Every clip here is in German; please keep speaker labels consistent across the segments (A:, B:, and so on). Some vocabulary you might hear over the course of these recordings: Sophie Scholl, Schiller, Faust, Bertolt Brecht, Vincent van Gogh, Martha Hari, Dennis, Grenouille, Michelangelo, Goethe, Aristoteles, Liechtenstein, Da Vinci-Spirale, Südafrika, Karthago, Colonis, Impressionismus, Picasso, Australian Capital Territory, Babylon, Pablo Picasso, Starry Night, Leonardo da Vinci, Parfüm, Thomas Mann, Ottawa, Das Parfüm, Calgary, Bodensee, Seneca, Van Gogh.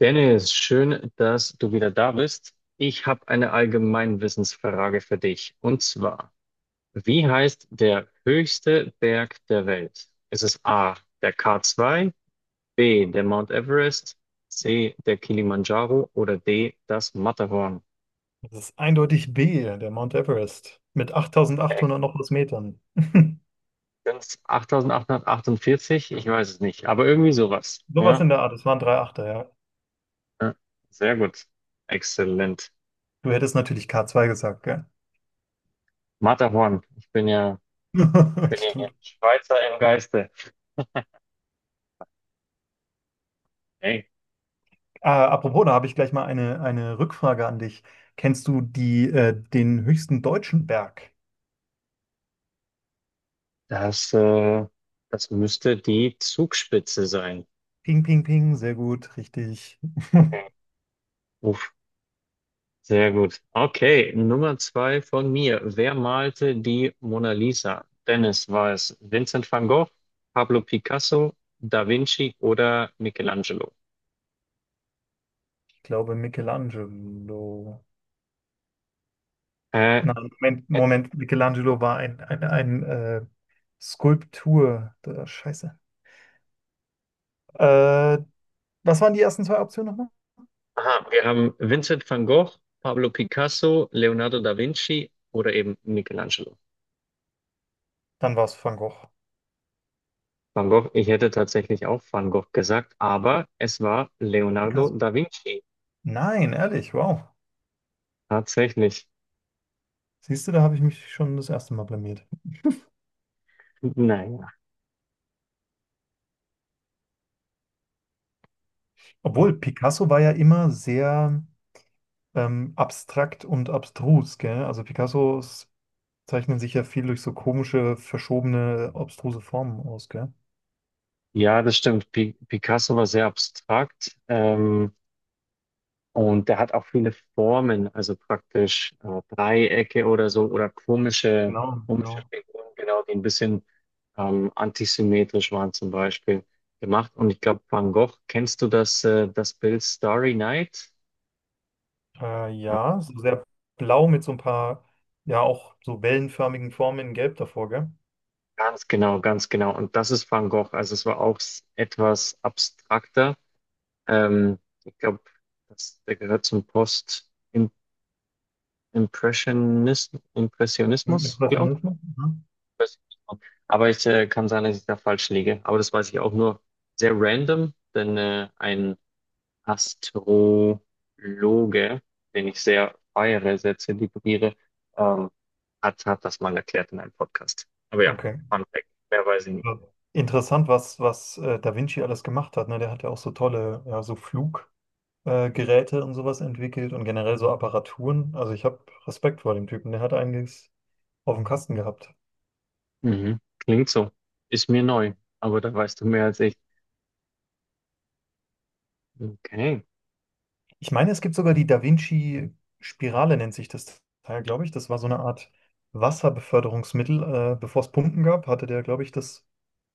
A: Dennis, schön, dass du wieder da bist. Ich habe eine Allgemeinwissensfrage für dich. Und zwar, wie heißt der höchste Berg der Welt? Ist es A, der k zwei, B, der Mount Everest, C, der Kilimanjaro oder D, das Matterhorn?
B: Das ist eindeutig B, der Mount Everest, mit
A: Äh,
B: 8.800 noch was Metern.
A: Sind's 8848? Ich weiß es nicht, aber irgendwie sowas.
B: Sowas
A: Ja,
B: in der Art, es waren drei Achter, ja.
A: ja, sehr gut. Exzellent.
B: Du hättest natürlich k zwei gesagt, gell?
A: Matterhorn. Bin ja hier
B: Stimmt.
A: Schweizer im Geiste. Hey.
B: Apropos, da habe ich gleich mal eine Rückfrage an dich. Kennst du den höchsten deutschen Berg?
A: Das, äh, Das müsste die Zugspitze sein.
B: Ping, ping, ping, sehr gut, richtig.
A: Uff, sehr gut. Okay, Nummer zwei von mir. Wer malte die Mona Lisa? Dennis, war es Vincent van Gogh, Pablo Picasso, Da Vinci oder Michelangelo?
B: Ich glaube Michelangelo.
A: Äh,
B: Nein, Moment, Moment, Michelangelo war ein Skulptur. Da, scheiße. Äh, Was waren die ersten zwei Optionen nochmal?
A: aha, wir haben Vincent van Gogh, Pablo Picasso, Leonardo da Vinci oder eben Michelangelo.
B: Dann war es Van Gogh.
A: Van Gogh, ich hätte tatsächlich auch Van Gogh gesagt, aber es war Leonardo
B: Picasso?
A: da Vinci.
B: Nein, ehrlich, wow.
A: Tatsächlich.
B: Siehst du, da habe ich mich schon das erste Mal blamiert.
A: Naja.
B: Obwohl, Picasso war ja immer sehr abstrakt und abstrus, gell? Also Picassos zeichnen sich ja viel durch so komische, verschobene, obstruse Formen aus, gell?
A: Ja, das stimmt. Pi Picasso war sehr abstrakt, und der hat auch viele Formen, also praktisch Dreiecke oder so oder
B: Genau,
A: komische
B: genau.
A: Figuren, genau, die ein bisschen antisymmetrisch waren zum Beispiel gemacht. Und ich glaube, Van Gogh, kennst du das, das Bild Starry Night? Ja,
B: Ja, so sehr blau mit so ein paar, ja, auch so wellenförmigen Formen in Gelb davor, gell?
A: ganz genau, ganz genau. Und das ist Van Gogh. Also es war auch etwas abstrakter. Ähm, Ich glaube, der gehört zum Post Impressionis
B: Im
A: Impressionismus, glaube
B: Impressionismus? Mhm.
A: ich. Impressionismus. Aber ich kann sein, dass ich da falsch liege. Aber das weiß ich auch nur sehr random, denn ein Astrologe, den ich sehr feiere, sehr zelebriere, ähm, hat das mal erklärt in einem Podcast. Aber ja,
B: Okay.
A: Fun Fact, mehr weiß ich nicht.
B: Interessant, was Da Vinci alles gemacht hat. Ne? Der hat ja auch so tolle, ja, so Fluggeräte Geräte und sowas entwickelt und generell so Apparaturen. Also ich habe Respekt vor dem Typen. Der hat einiges auf dem Kasten gehabt.
A: Mhm. Klingt so. Ist mir neu, aber da weißt du mehr als ich. Okay.
B: Ich meine, es gibt sogar die Da Vinci-Spirale, nennt sich das Teil, glaube ich. Das war so eine Art Wasserbeförderungsmittel. Bevor es Pumpen gab, hatte der, glaube ich, das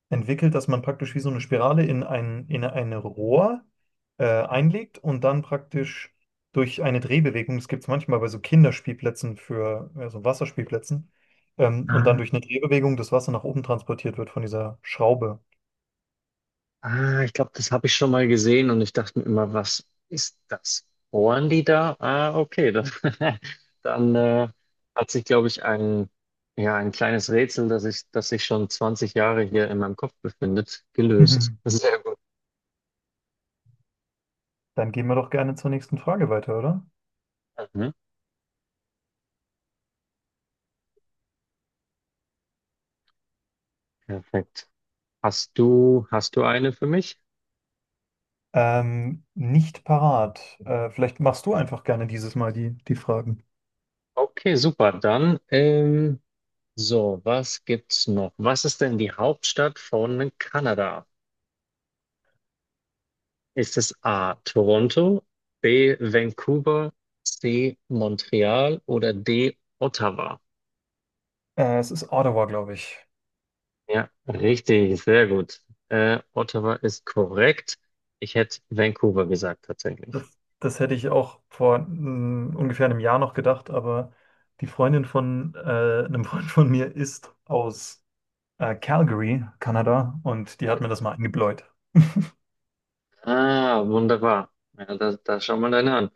B: entwickelt, dass man praktisch wie so eine Spirale in ein Rohr einlegt und dann praktisch durch eine Drehbewegung, das gibt es manchmal bei so Kinderspielplätzen für, ja, so Wasserspielplätzen, und dann
A: Ah.
B: durch eine Drehbewegung das Wasser nach oben transportiert wird von dieser Schraube.
A: Ah, ich glaube, das habe ich schon mal gesehen und ich dachte mir immer, was ist das? Bohren die da? Ah, okay. Dann, dann hat sich, glaube ich, ja, ein kleines Rätsel, das sich schon 20 Jahre hier in meinem Kopf befindet, gelöst.
B: Mhm.
A: Sehr gut.
B: Dann gehen wir doch gerne zur nächsten Frage weiter, oder?
A: Mhm, perfekt. Hast du eine für mich?
B: Nicht parat. Vielleicht machst du einfach gerne dieses Mal die Fragen.
A: Okay, super. Dann, so, was gibt's noch? Was ist denn die Hauptstadt von Kanada? Ist es A. Toronto, B. Vancouver, C. Montreal oder D. Ottawa?
B: Es ist Ottawa, glaube ich.
A: Ja, richtig, sehr gut. Ottawa ist korrekt. Ich hätte Vancouver gesagt tatsächlich.
B: Das hätte ich auch vor ungefähr einem Jahr noch gedacht, aber die Freundin von einem Freund von mir ist aus Calgary, Kanada, und die hat mir das mal eingebläut.
A: Ah, wunderbar. Ja, da schauen wir dann an.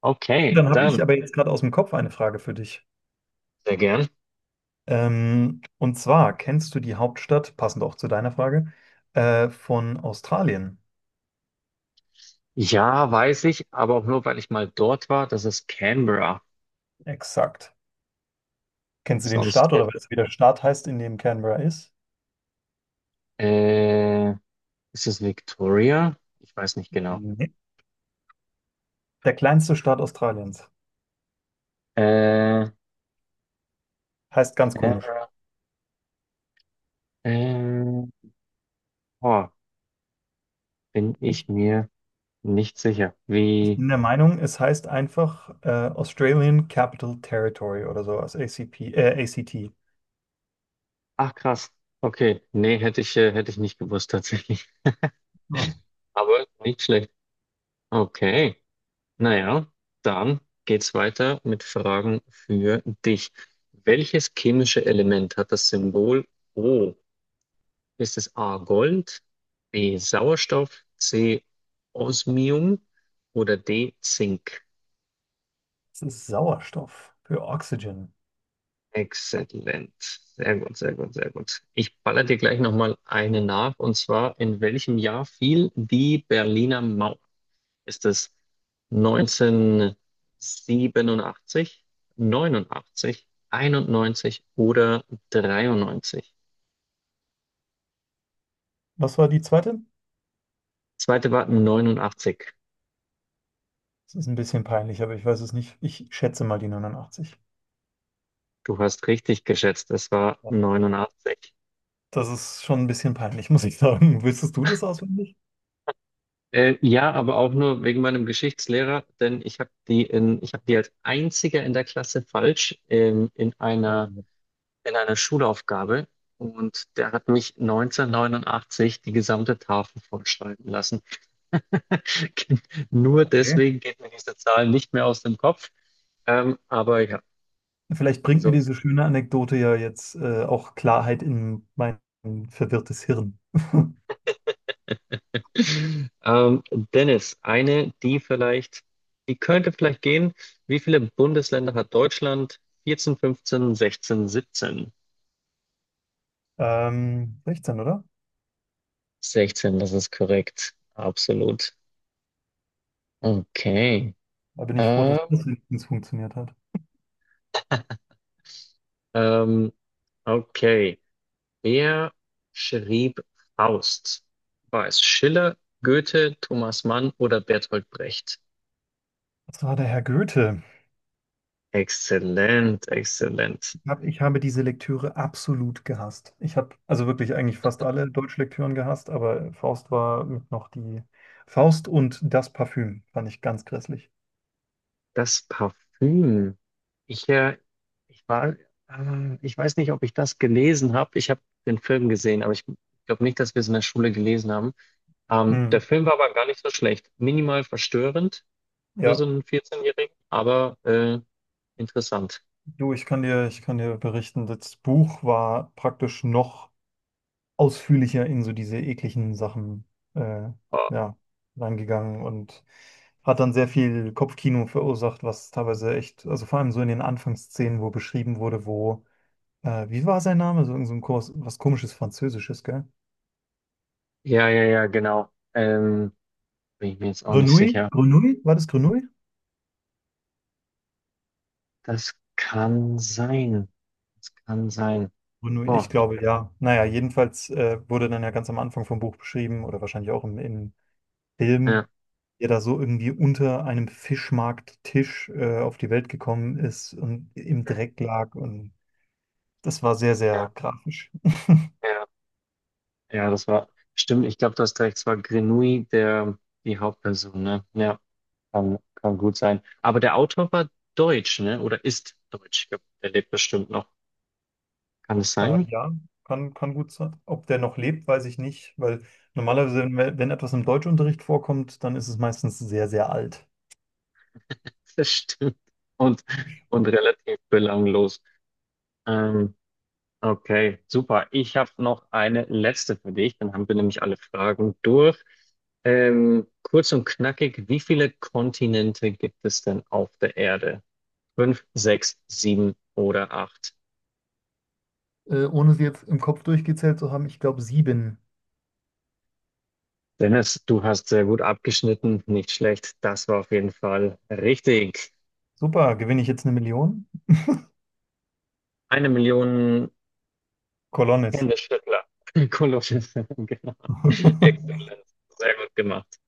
A: Okay,
B: Dann habe ich
A: dann
B: aber jetzt gerade aus dem Kopf eine Frage für dich.
A: sehr gern.
B: Und zwar, kennst du die Hauptstadt, passend auch zu deiner Frage, von Australien?
A: Ja, weiß ich, aber auch nur, weil ich mal dort war. Das ist Canberra.
B: Exakt. Kennst du den
A: Sonst
B: Staat oder
A: hätte,
B: weißt du, wie der Staat heißt, in dem Canberra ist?
A: äh, Ist es Victoria? Ich weiß nicht genau.
B: Nee. Der kleinste Staat Australiens.
A: Äh,
B: Heißt ganz komisch.
A: Ähm, oh, bin ich
B: Ich
A: mir nicht sicher.
B: Ich
A: Wie?
B: bin der Meinung, es heißt einfach Australian Capital Territory oder sowas, ACP, ACT.
A: Ach krass. Okay, nee, hätte ich nicht gewusst tatsächlich.
B: Oh,
A: Aber nicht schlecht. Okay, naja, dann geht's weiter mit Fragen für dich. Welches chemische Element hat das Symbol O? Ist es A Gold, B Sauerstoff, C Osmium oder D Zink?
B: das ist Sauerstoff für Oxygen.
A: Exzellent. Sehr gut, sehr gut, sehr gut. Ich baller dir gleich nochmal eine nach. Und zwar, in welchem Jahr fiel die Berliner Mauer? Ist es 1987, 89, 91 oder 93?
B: Was war die zweite?
A: Zweite war 89.
B: Das ist ein bisschen peinlich, aber ich weiß es nicht. Ich schätze mal die 89.
A: Du hast richtig geschätzt, es war
B: Ja.
A: neunundachtzig.
B: Das ist schon ein bisschen peinlich, muss ich sagen. Wüsstest du das auswendig?
A: Ja, aber auch nur wegen meinem Geschichtslehrer, denn ich habe die als einziger in der Klasse falsch
B: Oh,
A: in einer Schulaufgabe und der hat mich 1989 die gesamte Tafel vollschreiben lassen. Nur
B: okay.
A: deswegen geht mir diese Zahl nicht mehr aus dem Kopf. Aber ja,
B: Vielleicht bringt mir
A: sonst.
B: diese schöne Anekdote ja jetzt auch Klarheit in mein verwirrtes Hirn.
A: Ähm, Dennis, die könnte vielleicht gehen. Wie viele Bundesländer hat Deutschland? 14, 15, 16, 17.
B: 16, oder?
A: 16, das ist korrekt. Absolut. Okay.
B: Da bin ich froh, dass
A: Ähm,
B: das wenigstens funktioniert hat.
A: ähm, okay. Wer schrieb Faust? War es Schiller, Goethe, Thomas Mann oder Bertolt Brecht?
B: Das war der Herr Goethe.
A: Exzellent, exzellent.
B: Ich habe diese Lektüre absolut gehasst. Ich habe also wirklich eigentlich fast alle Deutschlektüren gehasst, aber Faust war mit noch die Faust, und das Parfüm fand ich ganz grässlich.
A: Das Parfüm. Ich, äh, ich war, Ich weiß nicht, ob ich das gelesen habe. Ich habe den Film gesehen, aber ich glaube nicht, dass wir es in der Schule gelesen haben.
B: Hm.
A: Der Film war aber gar nicht so schlecht. Minimal verstörend für so
B: Ja,
A: einen 14-Jährigen, aber interessant.
B: du, ich kann dir berichten, das Buch war praktisch noch ausführlicher in so diese ekligen Sachen äh,
A: Oh,
B: ja, reingegangen und hat dann sehr viel Kopfkino verursacht, was teilweise echt, also vor allem so in den Anfangsszenen, wo beschrieben wurde, wo wie war sein Name? So, irgend so ein Kurs, was komisches Französisches, gell?
A: ja, ja, ja, genau. Bin ich mir jetzt auch nicht
B: Grenouille?
A: sicher.
B: Grenouille? War das Grenouille?
A: Das kann sein. Das kann sein.
B: Grenouille, ich
A: Boah, ich,
B: glaube ja. Naja, jedenfalls wurde dann ja ganz am Anfang vom Buch beschrieben oder wahrscheinlich auch im Film,
A: ja,
B: der da so irgendwie unter einem Fischmarkttisch auf die Welt gekommen ist und im
A: ja,
B: Dreck lag. Und das war sehr, sehr grafisch.
A: ja, ja, stimmt, ich glaube, du hast recht, es war Grenouille, der, die Hauptperson, ne? Ja, kann gut sein. Aber der Autor war deutsch, ne? Oder ist deutsch. Der lebt bestimmt noch. Kann es sein?
B: Ja, kann gut sein. Ob der noch lebt, weiß ich nicht, weil normalerweise, wenn etwas im Deutschunterricht vorkommt, dann ist es meistens sehr, sehr alt.
A: Das stimmt. Und, und relativ belanglos. Ähm, Okay, super. Ich habe noch eine letzte für dich, dann haben wir nämlich alle Fragen durch. Kurz und knackig, wie viele Kontinente gibt es denn auf der Erde? Fünf, sechs, sieben oder acht?
B: Ohne sie jetzt im Kopf durchgezählt zu haben, ich glaube sieben.
A: Dennis, du hast sehr gut abgeschnitten, nicht schlecht. Das war auf jeden Fall richtig.
B: Super, gewinne ich jetzt eine Million?
A: Eine Million
B: Colonis.
A: Händeschüttler. Kolosche, genau. Exzellent. Sehr gut gemacht.